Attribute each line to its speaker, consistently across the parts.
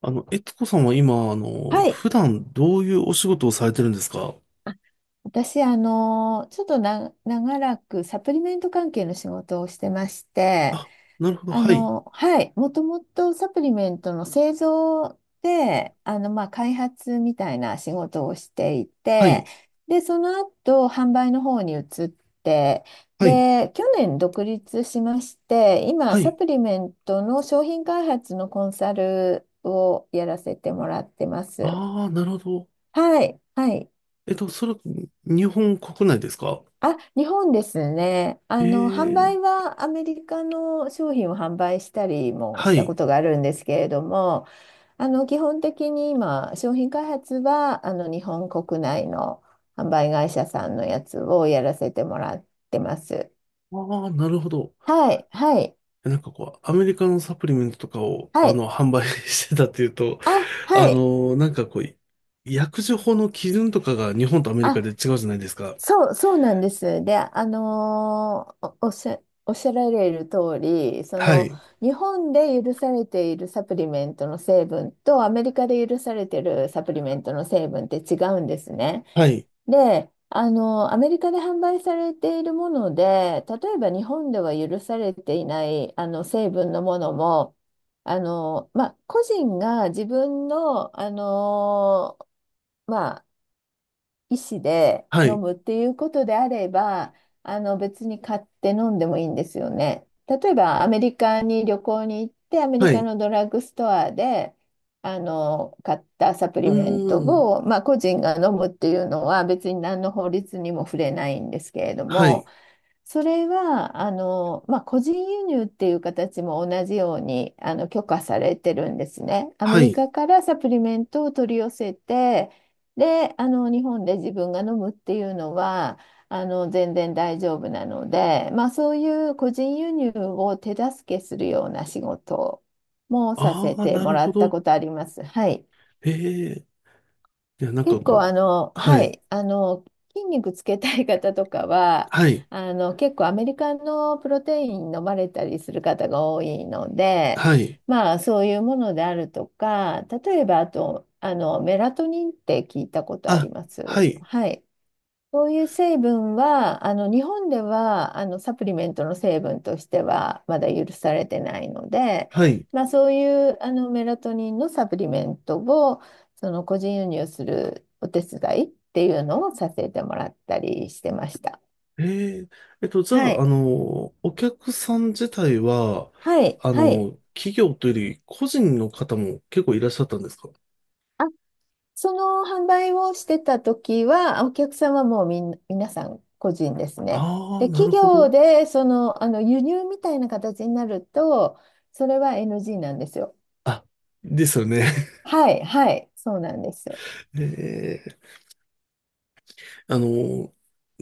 Speaker 1: えつこさんは今、
Speaker 2: はい。
Speaker 1: 普段どういうお仕事をされてるんですか？
Speaker 2: 私、ちょっとな、長らくサプリメント関係の仕事をしてまして、
Speaker 1: あ、なるほど。はい。
Speaker 2: はい。もともとサプリメントの製造で、まあ、開発みたいな仕事をしてい
Speaker 1: は
Speaker 2: て、
Speaker 1: い。
Speaker 2: で、その後、販売の方に移って、
Speaker 1: はい。
Speaker 2: で、去年独立しまして、今、
Speaker 1: は
Speaker 2: サ
Speaker 1: い。
Speaker 2: プリメントの商品開発のコンサルをやらせてもらってます。
Speaker 1: ああ、なるほど。
Speaker 2: はい。はい。
Speaker 1: えっと、それ、日本国内ですか？
Speaker 2: あ、日本ですね。
Speaker 1: え
Speaker 2: 販
Speaker 1: え
Speaker 2: 売
Speaker 1: ー、
Speaker 2: はアメリカの商品を販売したりもし
Speaker 1: は
Speaker 2: た
Speaker 1: い。
Speaker 2: ことがあるんですけれども、基本的に今、商品開発は、日本国内の販売会社さんのやつをやらせてもらってます。
Speaker 1: ああ、なるほど。
Speaker 2: はい、はい、
Speaker 1: なんかこう、アメリカのサプリメントとかを、
Speaker 2: はい。
Speaker 1: 販売 してたっていうと、
Speaker 2: あ、はい。
Speaker 1: なんかこう、薬事法の基準とかが日本とアメリ
Speaker 2: あ、
Speaker 1: カで違うじゃないですか。
Speaker 2: そうなんです。で、おっしゃられる通り、そ
Speaker 1: は
Speaker 2: の
Speaker 1: い。
Speaker 2: 日本で許されているサプリメントの成分とアメリカで許されているサプリメントの成分って違うんですね。
Speaker 1: はい。
Speaker 2: で、アメリカで販売されているもので、例えば日本では許されていないあの成分のものも、まあ、個人が自分の、まあ医師で
Speaker 1: は
Speaker 2: 飲
Speaker 1: い。
Speaker 2: むっていうことであれば、あの別に買って飲んでもいいんですよね。例えばアメリカに旅行に行って、アメリ
Speaker 1: は
Speaker 2: カ
Speaker 1: い。
Speaker 2: のドラッグストアであの買ったサプ
Speaker 1: う
Speaker 2: リメント
Speaker 1: ーん。
Speaker 2: を、まあ、個人が飲むっていうのは別に何の法律にも触れないんですけれど
Speaker 1: は
Speaker 2: も、
Speaker 1: い。
Speaker 2: それは、まあ、個人輸入っていう形も同じように、許可されてるんですね。アメ
Speaker 1: は
Speaker 2: リ
Speaker 1: い。
Speaker 2: カからサプリメントを取り寄せて、で、日本で自分が飲むっていうのは、全然大丈夫なので、まあ、そういう個人輸入を手助けするような仕事もさ
Speaker 1: あ
Speaker 2: せ
Speaker 1: あ、
Speaker 2: て
Speaker 1: な
Speaker 2: も
Speaker 1: る
Speaker 2: ら
Speaker 1: ほ
Speaker 2: った
Speaker 1: ど。
Speaker 2: ことあります。はい。
Speaker 1: ええ。いや、なんか
Speaker 2: 結
Speaker 1: も
Speaker 2: 構
Speaker 1: う、は
Speaker 2: は
Speaker 1: い、
Speaker 2: い、筋肉つけたい方とかは、
Speaker 1: はい、
Speaker 2: 結構アメリカのプロテイン飲まれたりする方が多いので、
Speaker 1: はい。
Speaker 2: まあそういうものであるとか、例えばあと、メラトニンって聞いたことあり
Speaker 1: あ、
Speaker 2: ま
Speaker 1: は
Speaker 2: す。
Speaker 1: い、
Speaker 2: はい。そういう成分は、あの日本ではあのサプリメントの成分としてはまだ許されてないので、
Speaker 1: はい。
Speaker 2: まあ、そういうあのメラトニンのサプリメントをその個人輸入するお手伝いっていうのをさせてもらったりしてました。
Speaker 1: ええ。えっと、じゃ
Speaker 2: は
Speaker 1: あ、
Speaker 2: い。
Speaker 1: お客さん自体は、
Speaker 2: はい。はい。
Speaker 1: 企業というより、個人の方も結構いらっしゃったんですか？
Speaker 2: その販売をしてた時は、お客さんはもうみんな、皆さん個人ですね。
Speaker 1: ああー、
Speaker 2: で、
Speaker 1: なる
Speaker 2: 企
Speaker 1: ほ
Speaker 2: 業
Speaker 1: ど。
Speaker 2: で、その、輸入みたいな形になると、それは NG なんですよ。
Speaker 1: あ、ですよね。
Speaker 2: はい、はい、そうなんです。
Speaker 1: ええ。あの、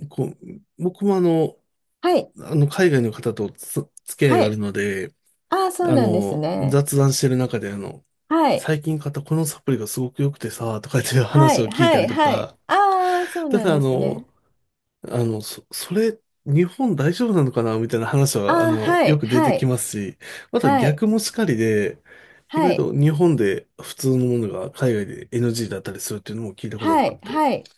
Speaker 1: こう、僕も
Speaker 2: はい、
Speaker 1: 海外の方と付き合い
Speaker 2: は
Speaker 1: がある
Speaker 2: い。
Speaker 1: ので、
Speaker 2: ああ、そうなんですね。
Speaker 1: 雑談してる中で、
Speaker 2: はい、
Speaker 1: 最近買ったこのサプリがすごく良くてさ、とかっていう
Speaker 2: は
Speaker 1: 話を
Speaker 2: い、
Speaker 1: 聞い
Speaker 2: は
Speaker 1: たり
Speaker 2: い、
Speaker 1: と
Speaker 2: はい。
Speaker 1: か、
Speaker 2: ああ、そう
Speaker 1: た
Speaker 2: なん
Speaker 1: だ
Speaker 2: ですね。
Speaker 1: それ、日本大丈夫なのかなみたいな話
Speaker 2: あ
Speaker 1: は、
Speaker 2: あ、は
Speaker 1: よ
Speaker 2: い、
Speaker 1: く出て
Speaker 2: は
Speaker 1: き
Speaker 2: い、
Speaker 1: ますし、また
Speaker 2: はい、
Speaker 1: 逆もしかりで、意
Speaker 2: は
Speaker 1: 外
Speaker 2: い。
Speaker 1: と日本で普通のものが海外で NG だったりするっていうのも聞いたこと
Speaker 2: は
Speaker 1: があっ
Speaker 2: い、
Speaker 1: て。
Speaker 2: はい。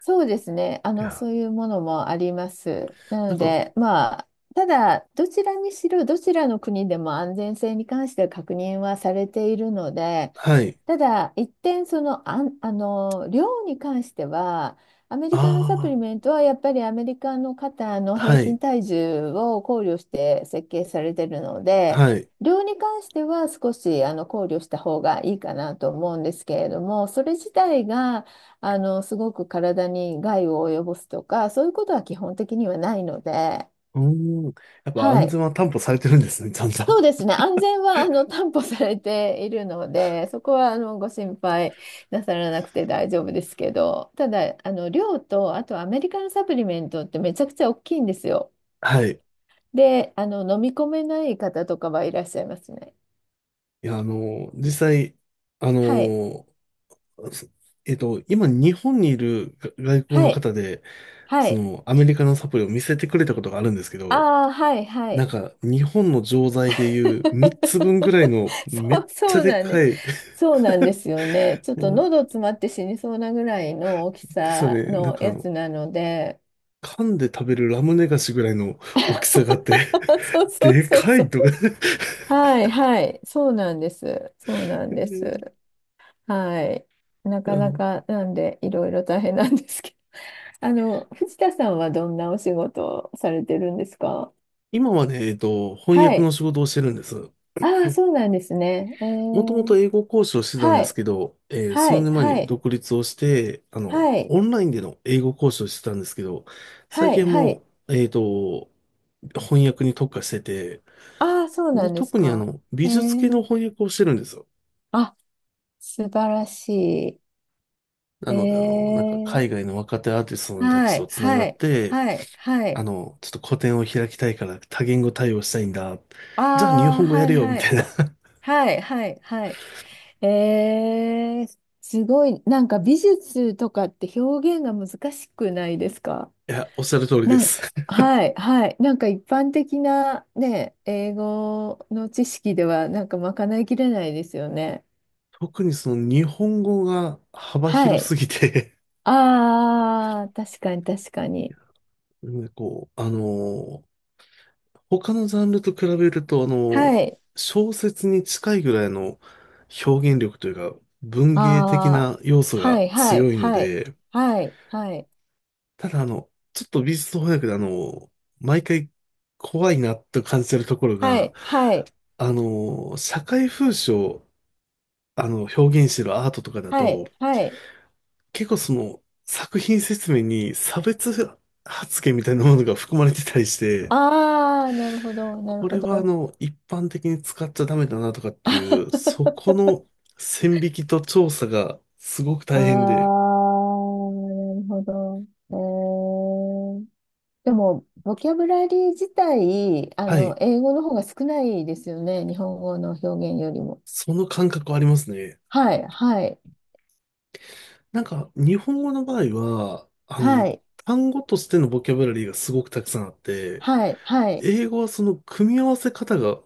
Speaker 2: そうですね。
Speaker 1: いや、
Speaker 2: そういうものもあります。な
Speaker 1: な
Speaker 2: の
Speaker 1: んか、
Speaker 2: で、まあ、ただ、どちらにしろ、どちらの国でも安全性に関しては確認はされているので、
Speaker 1: はい。
Speaker 2: ただ、一点、量に関しては、アメリカのサプ
Speaker 1: あ
Speaker 2: リメントはやっぱりアメリカの方の
Speaker 1: あ、
Speaker 2: 平
Speaker 1: は
Speaker 2: 均
Speaker 1: い、
Speaker 2: 体重を考慮して設計されているので、
Speaker 1: はい。
Speaker 2: 量に関しては少しあの考慮した方がいいかなと思うんですけれども、それ自体が、すごく体に害を及ぼすとか、そういうことは基本的にはないので、
Speaker 1: うーん。やっぱ
Speaker 2: は
Speaker 1: 安
Speaker 2: い。
Speaker 1: 全は担保されてるんですね、ちゃんと。
Speaker 2: そうです ね。安全は、担保されているので、そこは、ご心配なさらなくて大丈夫ですけど、ただ、量と、あとアメリカのサプリメントってめちゃくちゃ大きいんですよ。
Speaker 1: はい。
Speaker 2: で、飲み込めない方とかはいらっしゃいますね。
Speaker 1: いや、実際、あ
Speaker 2: はい。
Speaker 1: の、すえっと、今、日本にいるが外国
Speaker 2: は
Speaker 1: の
Speaker 2: い。
Speaker 1: 方で、
Speaker 2: は
Speaker 1: そ
Speaker 2: い。
Speaker 1: の、アメリカのサプリを見せてくれたことがあるんですけど、
Speaker 2: ああ、はい、は
Speaker 1: なん
Speaker 2: い。
Speaker 1: か、日本の錠剤でいう3つ分ぐらいの、め
Speaker 2: そ
Speaker 1: っ
Speaker 2: う、
Speaker 1: ちゃ
Speaker 2: そう
Speaker 1: で
Speaker 2: なん
Speaker 1: か
Speaker 2: で、
Speaker 1: い、
Speaker 2: そうなんですよね。ちょっ
Speaker 1: も
Speaker 2: と
Speaker 1: う
Speaker 2: 喉詰まって死にそうなぐらいの大き
Speaker 1: ですよ
Speaker 2: さ
Speaker 1: ね、
Speaker 2: のやつなので。
Speaker 1: 噛んで食べるラムネ菓子ぐらいの大きさがあって、
Speaker 2: そう そう
Speaker 1: で
Speaker 2: そう
Speaker 1: か
Speaker 2: そ
Speaker 1: い
Speaker 2: う。
Speaker 1: と。
Speaker 2: はいはい。そうなんです。そうな ん
Speaker 1: え
Speaker 2: で
Speaker 1: ー
Speaker 2: す。はい。な
Speaker 1: あ
Speaker 2: かな
Speaker 1: の、
Speaker 2: かなんでいろいろ大変なんですけど。あの、藤田さんはどんなお仕事をされてるんですか？
Speaker 1: 今はね、えっと、翻
Speaker 2: は
Speaker 1: 訳の
Speaker 2: い。
Speaker 1: 仕事をしてるんです。
Speaker 2: ああ、そうなんですね。え
Speaker 1: もともと
Speaker 2: ー、
Speaker 1: 英語講師をしてたん
Speaker 2: は
Speaker 1: です
Speaker 2: い。
Speaker 1: けど、えー
Speaker 2: は
Speaker 1: 数
Speaker 2: い。
Speaker 1: 年前
Speaker 2: は
Speaker 1: に
Speaker 2: い。
Speaker 1: 独立をして、
Speaker 2: はい。
Speaker 1: オンラインでの英語講師をしてたんですけど、最
Speaker 2: は
Speaker 1: 近
Speaker 2: い、
Speaker 1: は
Speaker 2: は
Speaker 1: も
Speaker 2: い。
Speaker 1: う、えっと、翻訳に特化してて、
Speaker 2: ああ、そうな
Speaker 1: で、
Speaker 2: んです
Speaker 1: 特に
Speaker 2: か。え
Speaker 1: 美術系の
Speaker 2: ー、
Speaker 1: 翻訳をしてるんですよ。
Speaker 2: あ、素晴らし
Speaker 1: な
Speaker 2: い。え
Speaker 1: ので、なんか
Speaker 2: ー、
Speaker 1: 海外の若手アーティストたち
Speaker 2: は
Speaker 1: と
Speaker 2: い、
Speaker 1: つなが
Speaker 2: は
Speaker 1: っ
Speaker 2: い、
Speaker 1: て、
Speaker 2: はい、はい。
Speaker 1: ちょっと個展を開きたいから多言語対応したいんだ。じゃあ日
Speaker 2: ああ、
Speaker 1: 本語や
Speaker 2: は
Speaker 1: れ
Speaker 2: い、
Speaker 1: よ、み
Speaker 2: は
Speaker 1: た
Speaker 2: い、
Speaker 1: いな。い
Speaker 2: はい、はい、はい。えー、すごい、なんか美術とかって表現が難しくないですか？
Speaker 1: や、おっしゃる通りで
Speaker 2: なん、
Speaker 1: す。
Speaker 2: はい、はい。なんか一般的なね、英語の知識ではなんかまかないきれないですよね。
Speaker 1: 特にその日本語が幅
Speaker 2: は
Speaker 1: 広
Speaker 2: い。
Speaker 1: すぎて、
Speaker 2: ああ、確かに確かに。
Speaker 1: なんかこう、他のジャンルと比べると、
Speaker 2: はい。
Speaker 1: 小説に近いぐらいの表現力というか、文
Speaker 2: あ
Speaker 1: 芸的
Speaker 2: あ、
Speaker 1: な要素
Speaker 2: は
Speaker 1: が
Speaker 2: いはい
Speaker 1: 強いの
Speaker 2: はい
Speaker 1: で、
Speaker 2: はいはい
Speaker 1: ただちょっと美術翻訳で毎回怖いなと感じてるところ
Speaker 2: は
Speaker 1: が、
Speaker 2: いはい
Speaker 1: あの社会風刺を、表現してるアートとかだ
Speaker 2: は
Speaker 1: と、
Speaker 2: いはい。
Speaker 1: 結構その、作品説明に差別発言みたいなものが含まれてたりして、
Speaker 2: ああ、なるほどなる
Speaker 1: こ
Speaker 2: ほ
Speaker 1: れは
Speaker 2: ど。
Speaker 1: 一般的に使っちゃダメだなとかっていう、そこの 線引きと調査がすごく
Speaker 2: ああ、
Speaker 1: 大変で、
Speaker 2: なるほど。えー、でも、ボキャブラリー自体、
Speaker 1: はい、
Speaker 2: 英語の方が少ないですよね。日本語の表現よりも。
Speaker 1: その感覚はありますね。
Speaker 2: はい、はい、
Speaker 1: なんか、日本語の場合は、
Speaker 2: はい、
Speaker 1: 単語としてのボキャブラリーがすごくたくさんあって、
Speaker 2: はい、はい。
Speaker 1: 英語はその組み合わせ方が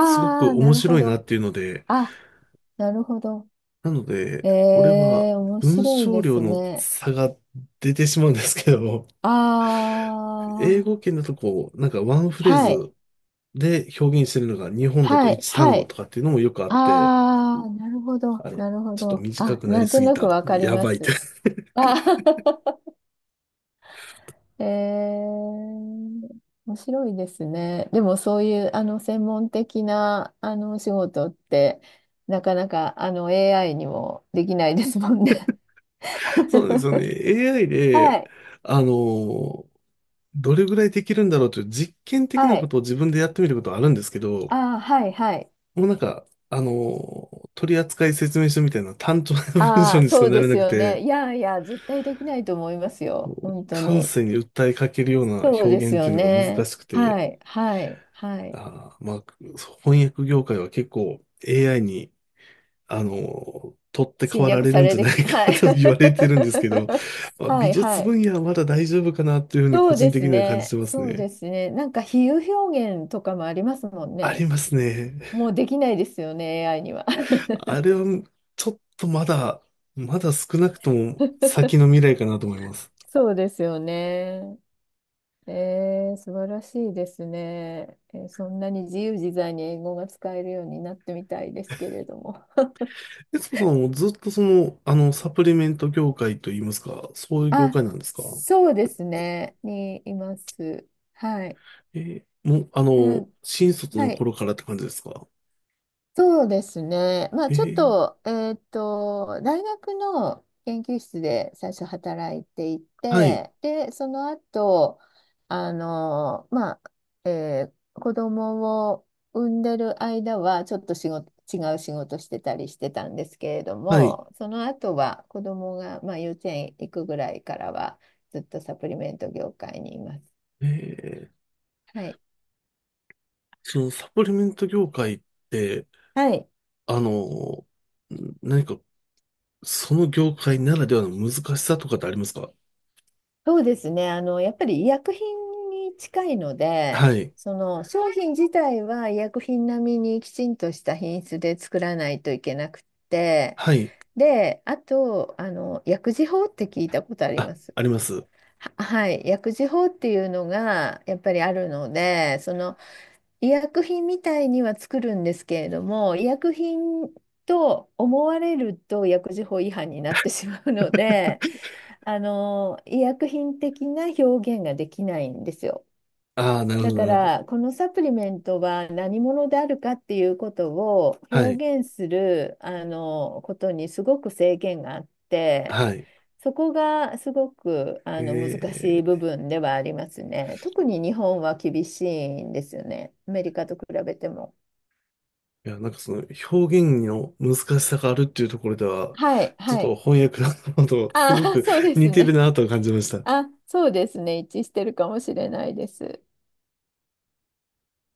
Speaker 1: すごく
Speaker 2: あ、な
Speaker 1: 面
Speaker 2: るほ
Speaker 1: 白いな
Speaker 2: ど。
Speaker 1: っていうので、
Speaker 2: あなるほど。
Speaker 1: なので、これは
Speaker 2: えー、面
Speaker 1: 文
Speaker 2: 白い
Speaker 1: 章
Speaker 2: で
Speaker 1: 量
Speaker 2: す
Speaker 1: の
Speaker 2: ね。
Speaker 1: 差が出てしまうんですけど、
Speaker 2: あ
Speaker 1: 英語
Speaker 2: ー、
Speaker 1: 圏だとこう、なんかワンフレー
Speaker 2: はい、
Speaker 1: ズで表現してるのが日本だと
Speaker 2: はい、
Speaker 1: 一単
Speaker 2: は
Speaker 1: 語
Speaker 2: い。
Speaker 1: とかっていうのもよくあって、
Speaker 2: あー、なるほど、
Speaker 1: あれ、
Speaker 2: なるほ
Speaker 1: ちょっと
Speaker 2: ど。
Speaker 1: 短
Speaker 2: あ、
Speaker 1: くな
Speaker 2: な
Speaker 1: り
Speaker 2: ん
Speaker 1: す
Speaker 2: と
Speaker 1: ぎ
Speaker 2: なく
Speaker 1: た。
Speaker 2: わかり
Speaker 1: や
Speaker 2: ま
Speaker 1: ばいって。
Speaker 2: す。あー えー、面白いですね。でもそういう、専門的な、お仕事って、なかなか、AI にもできないですもんね。
Speaker 1: そうなんですよね。AI
Speaker 2: は
Speaker 1: で、
Speaker 2: い、
Speaker 1: あの、どれぐらいできるんだろうという実験的
Speaker 2: は
Speaker 1: なこ
Speaker 2: い。
Speaker 1: とを自分でやってみることはあるんですけど、
Speaker 2: あー、はい、はい。
Speaker 1: もうなんか、取扱説明書みたいな単調な文章
Speaker 2: ああ、
Speaker 1: にし
Speaker 2: そ
Speaker 1: か
Speaker 2: う
Speaker 1: な
Speaker 2: で
Speaker 1: れ
Speaker 2: す
Speaker 1: なく
Speaker 2: よ
Speaker 1: て、
Speaker 2: ね。いやいや、絶対できないと思いますよ。本当
Speaker 1: 感
Speaker 2: に。
Speaker 1: 性に訴えかけるような
Speaker 2: そ
Speaker 1: 表
Speaker 2: うです
Speaker 1: 現って
Speaker 2: よ
Speaker 1: いうのが難
Speaker 2: ね。
Speaker 1: しくて、
Speaker 2: はい、はい、はい。
Speaker 1: あー、まあ、翻訳業界は結構 AI に取って代
Speaker 2: 侵
Speaker 1: わら
Speaker 2: 略
Speaker 1: れ
Speaker 2: さ
Speaker 1: るん
Speaker 2: れ
Speaker 1: じゃ
Speaker 2: て
Speaker 1: な
Speaker 2: き
Speaker 1: い
Speaker 2: た。
Speaker 1: か
Speaker 2: は
Speaker 1: な
Speaker 2: い。
Speaker 1: と言われてるんですけど、ま あ、
Speaker 2: は
Speaker 1: 美
Speaker 2: い、は
Speaker 1: 術
Speaker 2: い。
Speaker 1: 分野はまだ大丈夫かなというふうに
Speaker 2: そ
Speaker 1: 個
Speaker 2: う
Speaker 1: 人
Speaker 2: で
Speaker 1: 的
Speaker 2: す
Speaker 1: には感じ
Speaker 2: ね。
Speaker 1: てます
Speaker 2: そう
Speaker 1: ね。
Speaker 2: ですね。なんか比喩表現とかもありますもん
Speaker 1: あり
Speaker 2: ね。
Speaker 1: ますね。
Speaker 2: もうできないですよね、AI には。
Speaker 1: あれはちょっとまだ、まだ少なくとも 先の未来かなと思います。
Speaker 2: そうですよね。えー、素晴らしいですね。えーそんなに自由自在に英語が使えるようになってみたいですけれども。
Speaker 1: 悦子さんはもうずっとその、サプリメント業界といいますか、そういう業
Speaker 2: あ、
Speaker 1: 界なんですか？
Speaker 2: そうですね。にいます。はい。
Speaker 1: えーもう、
Speaker 2: うん、
Speaker 1: 新卒の
Speaker 2: はい。
Speaker 1: 頃からって感じですか？
Speaker 2: そうですね。まあ、
Speaker 1: え
Speaker 2: ちょっ
Speaker 1: ー
Speaker 2: と、大学の研究室で最初働いてい
Speaker 1: はい、
Speaker 2: て、で、その後、まあ、えー子供を産んでる間は、ちょっと違う仕事してたりしてたんですけれど
Speaker 1: はい。
Speaker 2: も、その後は子供が、まあ、幼稚園行くぐらいからは、ずっとサプリメント業界にいます。
Speaker 1: えー
Speaker 2: はい。
Speaker 1: そのサプリメント業界って、
Speaker 2: はい。
Speaker 1: あの、何か、その業界ならではの難しさとかってありますか？
Speaker 2: そうですね。やっぱり医薬品に近いの
Speaker 1: は
Speaker 2: で、
Speaker 1: い。
Speaker 2: その商品自体は医薬品並みにきちんとした品質で作らないといけなくって、
Speaker 1: はい。
Speaker 2: で、あと、薬事法って聞いたことあり
Speaker 1: あ、
Speaker 2: ます？
Speaker 1: あります。
Speaker 2: は、はい。薬事法っていうのがやっぱりあるので、その医薬品みたいには作るんですけれども、医薬品と思われると薬事法違反になってしまうので、医薬品的な表現ができないんですよ。
Speaker 1: ああ、なるほ
Speaker 2: だ
Speaker 1: ど、な
Speaker 2: か
Speaker 1: るほど。
Speaker 2: ら、このサプリメントは何者であるかっていうことを
Speaker 1: はい。
Speaker 2: 表現する、ことにすごく制限があって、
Speaker 1: はい。
Speaker 2: そこがすごく
Speaker 1: へ
Speaker 2: あの難しい部
Speaker 1: え。
Speaker 2: 分ではありますね。特に日本は厳しいんですよね。アメリカと比べても。
Speaker 1: いや、なんかその表現の難しさがあるっていうところでは、
Speaker 2: はい、
Speaker 1: ちょっ
Speaker 2: は
Speaker 1: と
Speaker 2: い。
Speaker 1: 翻訳の方とす
Speaker 2: あ
Speaker 1: ご
Speaker 2: あ、
Speaker 1: く
Speaker 2: そうで
Speaker 1: 似
Speaker 2: す
Speaker 1: てる
Speaker 2: ね。
Speaker 1: なと感じました。
Speaker 2: あ、そうですね。一致してるかもしれないです。